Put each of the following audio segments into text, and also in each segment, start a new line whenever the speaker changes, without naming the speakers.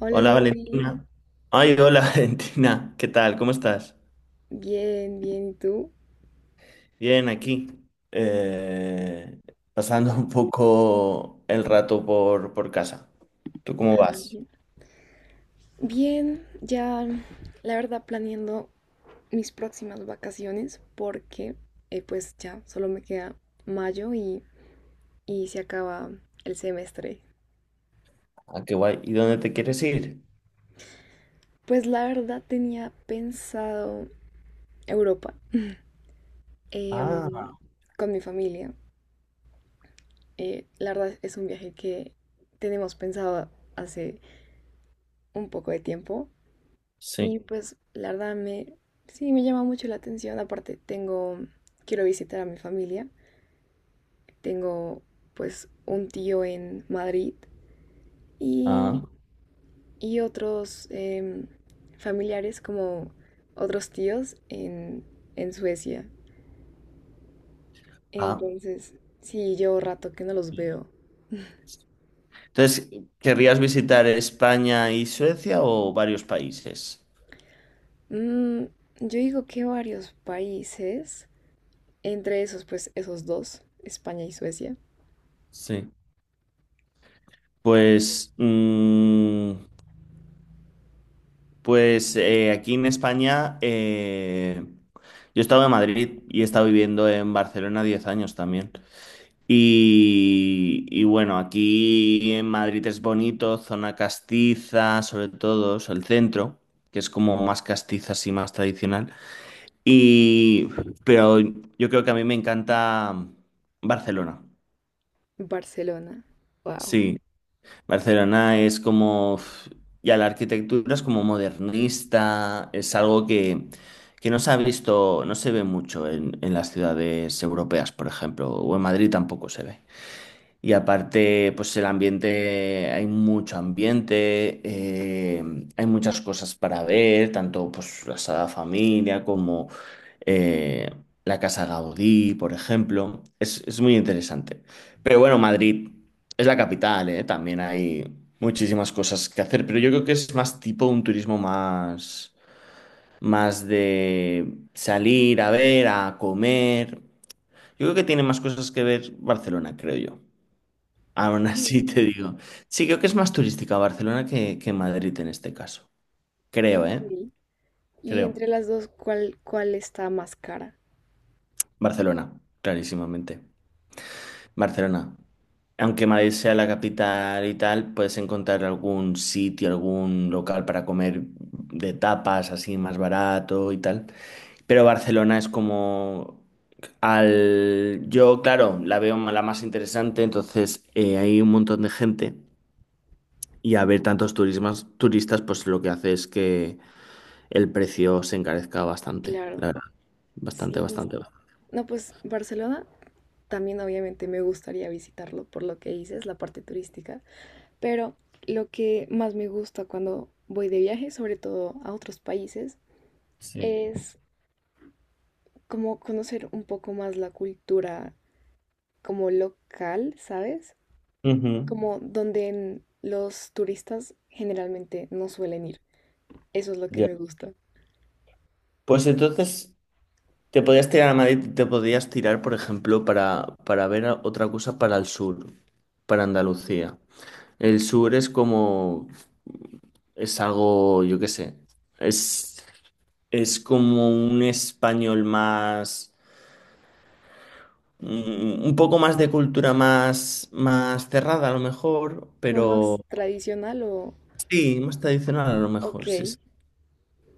Hola
Hola
Jordi,
Valentina. Ay, hola Valentina. ¿Qué tal? ¿Cómo estás?
bien, bien, ¿y tú?
Bien, aquí. Eh, pasando un poco el rato por casa. ¿Tú
Ah,
cómo vas?
bien. Bien, ya la verdad planeando mis próximas vacaciones porque pues ya solo me queda mayo y se acaba el semestre.
Ah, qué guay. ¿Y dónde te quieres ir?
Pues la verdad tenía pensado Europa,
Ah,
em, con mi familia. La verdad es un viaje que tenemos pensado hace un poco de tiempo.
sí.
Y pues la verdad sí, me llama mucho la atención. Aparte quiero visitar a mi familia. Tengo pues un tío en Madrid
Ah,
y, y otros familiares como otros tíos en Suecia.
ah.
Entonces, sí, llevo rato que no los veo.
Entonces, ¿querrías visitar España y Suecia o varios países?
Mm, yo digo que varios países, entre esos pues esos dos, España y Suecia.
Sí. Pues, mm, Pues, aquí en España, yo he estado en Madrid y he estado viviendo en Barcelona 10 años también. Y bueno, aquí en Madrid es bonito, zona castiza, sobre todo, o sea, el centro, que es como más castiza, así más tradicional. Y, pero yo creo que a mí me encanta Barcelona.
Barcelona. Wow.
Sí. Barcelona es como, ya la arquitectura es como modernista, es algo que no se ha visto, no se ve mucho en las ciudades europeas, por ejemplo, o en Madrid tampoco se ve. Y aparte, pues el ambiente, hay mucho ambiente, hay muchas cosas para ver, tanto pues la Sagrada Familia como eh, la Casa Gaudí, por ejemplo. Es muy interesante. Pero bueno, Madrid es la capital, ¿eh? También hay muchísimas cosas que hacer, pero yo creo que es más tipo un turismo más, más de salir a ver, a comer. Yo creo que tiene más cosas que ver Barcelona, creo yo. Aún así
Mm,
te digo. Sí, creo que es más turística Barcelona que Madrid en este caso. Creo,
ok.
¿eh?
Y
Creo.
entre las dos, ¿cuál, cuál está más cara?
Barcelona, clarísimamente. Barcelona. Aunque Madrid sea la capital y tal, puedes encontrar algún sitio, algún local para comer de tapas así más barato y tal. Pero Barcelona es como yo, claro, la veo la más interesante, entonces hay un montón de gente y a ver tantos turistas, pues lo que hace es que el precio se encarezca bastante, la
Claro,
verdad. Bastante,
sí.
bastante. Bastante.
No, pues Barcelona también obviamente me gustaría visitarlo por lo que dices, la parte turística, pero lo que más me gusta cuando voy de viaje, sobre todo a otros países,
Sí.
es como conocer un poco más la cultura como local, ¿sabes?
Ujú.
Como donde los turistas generalmente no suelen ir. Eso es lo que
Ya.
me gusta.
Pues entonces te podías tirar a Madrid, te podías tirar, por ejemplo, para ver a- otra cosa para el sur, para Andalucía. El sur es como, es algo, yo qué sé, es, es como un español más, un poco más de cultura más, más cerrada a lo mejor,
¿Como más
pero
tradicional o...?
sí, más tradicional a lo
Ok.
mejor, sí, sí.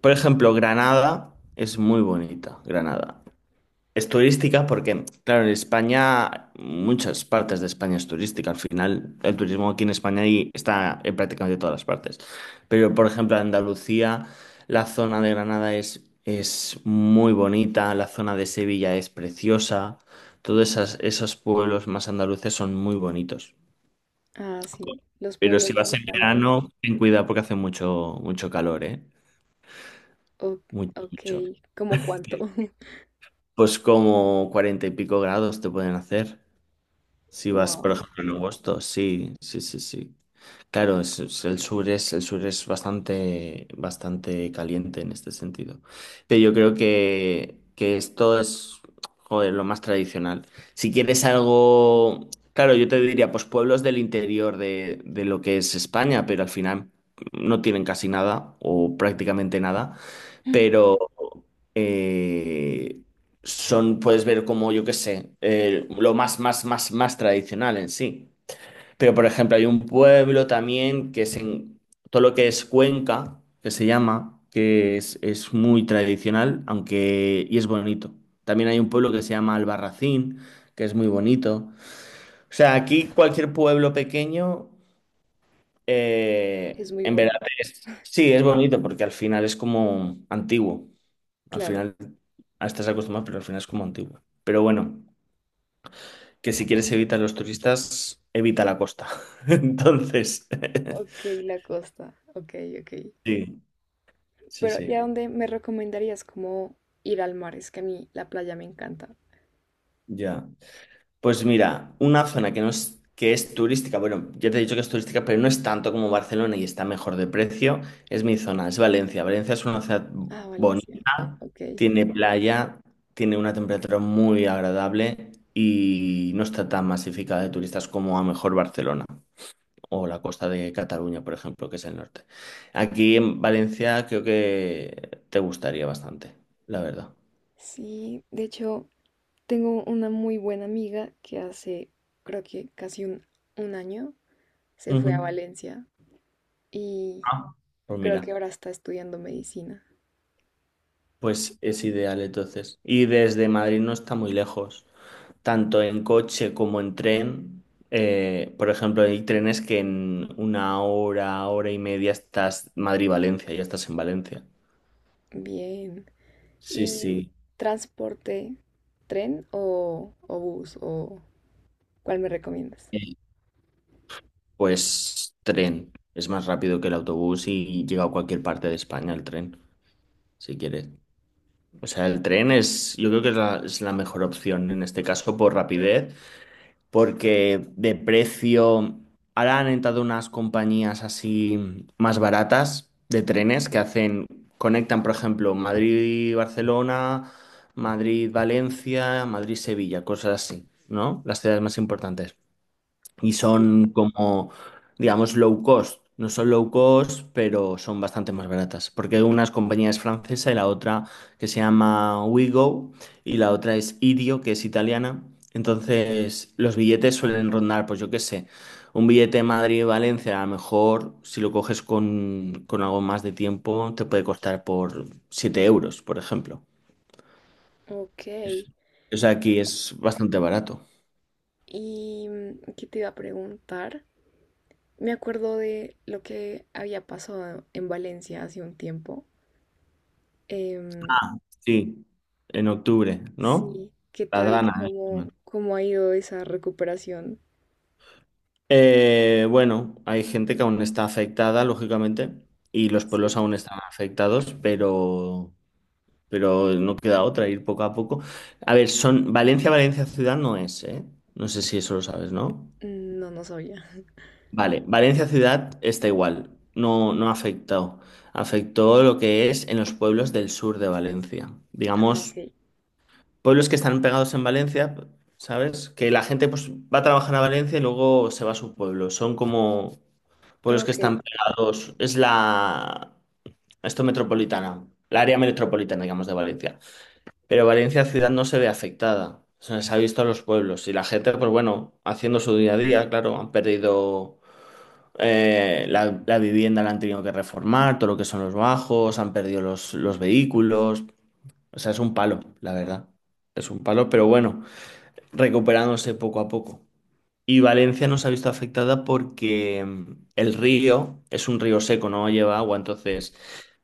Por ejemplo, Granada es muy bonita, Granada. Es turística porque, claro, en España, muchas partes de España es turística. Al final, el turismo aquí en España y está en prácticamente todas las partes. Pero, por ejemplo, en Andalucía, la zona de Granada es muy bonita, la zona de Sevilla es preciosa. Todos esos pueblos más andaluces son muy bonitos.
Ah, sí, los
Pero si
pueblos me
vas en
encantan.
verano, ten cuidado porque hace mucho, mucho calor, ¿eh?
O-
Mucho,
ok,
mucho.
¿cómo cuánto?
Pues como 40 y pico grados te pueden hacer. Si vas, por
Wow,
ejemplo, en agosto, sí, sí, sí, sí. Claro, el sur es bastante, bastante caliente en este sentido. Pero yo creo que esto es, joder, lo más tradicional. Si quieres algo, claro, yo te diría, pues pueblos del interior de lo que es España, pero al final no tienen casi nada o prácticamente nada pero eh, puedes ver como, yo qué sé, lo más, más, más, más tradicional en sí. Pero, por ejemplo, hay un pueblo también que es en todo lo que es Cuenca, que se llama, que es muy tradicional, aunque, y es bonito. También hay un pueblo que se llama Albarracín, que es muy bonito. O sea, aquí cualquier pueblo pequeño,
es muy
en verdad,
bonito.
sí, es bonito porque al final es como antiguo. Al
Claro,
final estás acostumbrado, pero al final es como antiguo. Pero bueno, que si quieres evitar los turistas, evita la costa. Entonces,
ok, la costa, ok, ok.
sí, sí,
Pero ¿y a
sí,
dónde me recomendarías como ir al mar? Es que a mí la playa me encanta.
ya. Pues mira, una zona que no es, que es turística, bueno, ya te he dicho que es turística, pero no es tanto como Barcelona y está mejor de precio, es mi zona, es Valencia. Valencia es una ciudad
Ah, Valencia,
bonita,
ok.
tiene playa, tiene una temperatura muy agradable y no está tan masificada de turistas como a lo mejor Barcelona o la costa de Cataluña, por ejemplo, que es el norte. Aquí en Valencia creo que te gustaría bastante, la verdad.
Sí, de hecho, tengo una muy buena amiga creo que casi un año, se fue a
Ujú.
Valencia y
Ah, pues
creo que
mira,
ahora está estudiando medicina.
pues es ideal entonces. Y desde Madrid no está muy lejos, tanto en coche como en tren. Por ejemplo, hay trenes que en una hora, hora y media estás Madrid-Valencia, ya estás en Valencia.
Bien.
Sí,
Y
sí.
transporte, tren o bus o ¿cuál me recomiendas?
Eh, Pues tren. Es más rápido que el autobús y llega a cualquier parte de España el tren. Si quieres. O sea, el tren es, yo creo que es la mejor opción en este caso por rapidez, porque de precio, ahora han entrado unas compañías así más baratas de trenes que hacen, conectan, por ejemplo, Madrid-Barcelona, Madrid-Valencia, Madrid-Sevilla, cosas así, ¿no? Las ciudades más importantes y
Sí.
son como, digamos, low cost. No son low cost, pero son bastante más baratas, porque una es compañía es francesa y la otra que se llama WeGo y la otra es Idio, que es italiana. Entonces, los billetes suelen rondar, pues yo qué sé, un billete Madrid-Valencia, a lo mejor si lo coges con algo más de tiempo, te puede costar por 7 euros, por ejemplo.
Ok.
O sea, aquí es bastante barato.
¿Y qué te iba a preguntar? Me acuerdo de lo que había pasado en Valencia hace un tiempo. Em,
Sí, en octubre, ¿no?
sí, ¿qué
La
tal?
Dana, ¿eh?
Cómo ha ido esa recuperación?
Bueno, hay gente que aún está afectada, lógicamente, y los pueblos
Sí,
aún están afectados, pero no queda otra, ir poco a poco. A ver, son Valencia, Valencia ciudad no es, ¿eh? No sé si eso lo sabes, ¿no?
mm, no, no sabía.
Vale, Valencia ciudad está igual, no, no ha afectado. Afectó lo que es en los pueblos del sur de Valencia.
Ah,
Digamos,
ok.
pueblos que están pegados en Valencia, ¿sabes? Que la gente pues, va a trabajar a Valencia y luego se va a su pueblo. Son como pueblos que
Ok.
están pegados, esto metropolitana, la área metropolitana, digamos, de Valencia. Pero Valencia ciudad no se ve afectada, se les ha visto a los pueblos y la gente, pues bueno, haciendo su día a día, claro, han perdido la vivienda, la han tenido que reformar, todo lo que son los bajos, han perdido los vehículos, o sea, es un palo, la verdad, es un palo, pero bueno, recuperándose poco a poco. Y Valencia no se ha visto afectada porque el río es un río seco, no lleva agua. Entonces,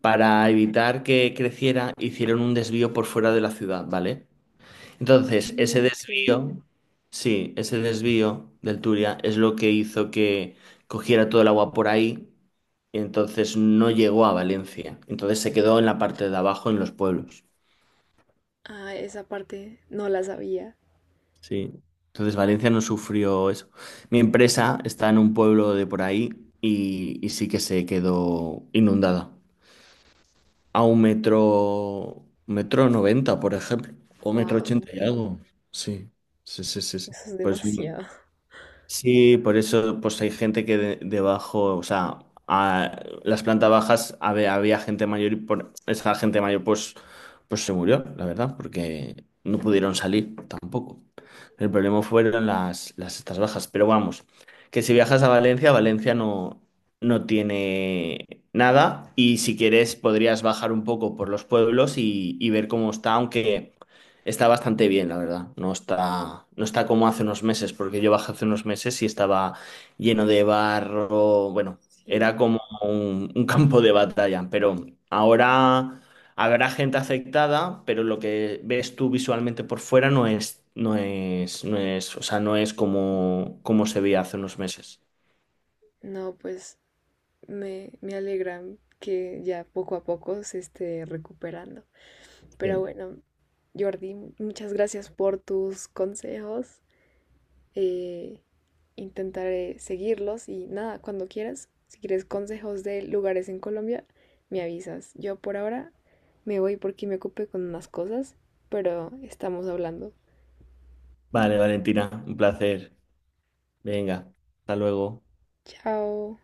para evitar que creciera, hicieron un desvío por fuera de la ciudad, ¿vale? Entonces, ese
Mm, ok.
desvío, sí, ese desvío del Turia es lo que hizo que cogiera todo el agua por ahí. Y entonces no llegó a Valencia. Entonces se quedó en la parte de abajo, en los pueblos.
Ah, esa parte no la sabía.
Sí. Entonces Valencia no sufrió eso. Mi empresa está en un pueblo de por ahí y sí que se quedó inundada. A un metro, metro noventa, por ejemplo, o metro
Wow,
ochenta y algo. Sí, sí, sí, sí, sí.
eso es
Pues
demasiado.
sí, por eso pues hay gente que debajo, o sea, las plantas bajas había gente mayor y por esa gente mayor pues, pues se murió, la verdad, porque no pudieron salir tampoco. El problema fueron las estas bajas, pero vamos, que si viajas a Valencia, Valencia no tiene nada y si quieres podrías bajar un poco por los pueblos y ver cómo está, aunque... Está bastante bien, la verdad. No está, no está como hace unos meses, porque yo bajé hace unos meses y estaba lleno de barro. Bueno,
Sí,
era como un campo de batalla. Pero ahora habrá gente afectada, pero lo que ves tú visualmente por fuera no es, o sea, no es como se veía hace unos meses.
no, pues me alegra que ya poco a poco se esté recuperando. Pero
Bien.
bueno, Jordi, muchas gracias por tus consejos. eh, Intentaré seguirlos y nada, cuando quieras, si quieres consejos de lugares en Colombia, me avisas. Yo por ahora me voy porque me ocupé con unas cosas, pero estamos hablando.
Vale, Valentina, un placer. Venga, hasta luego.
Chao.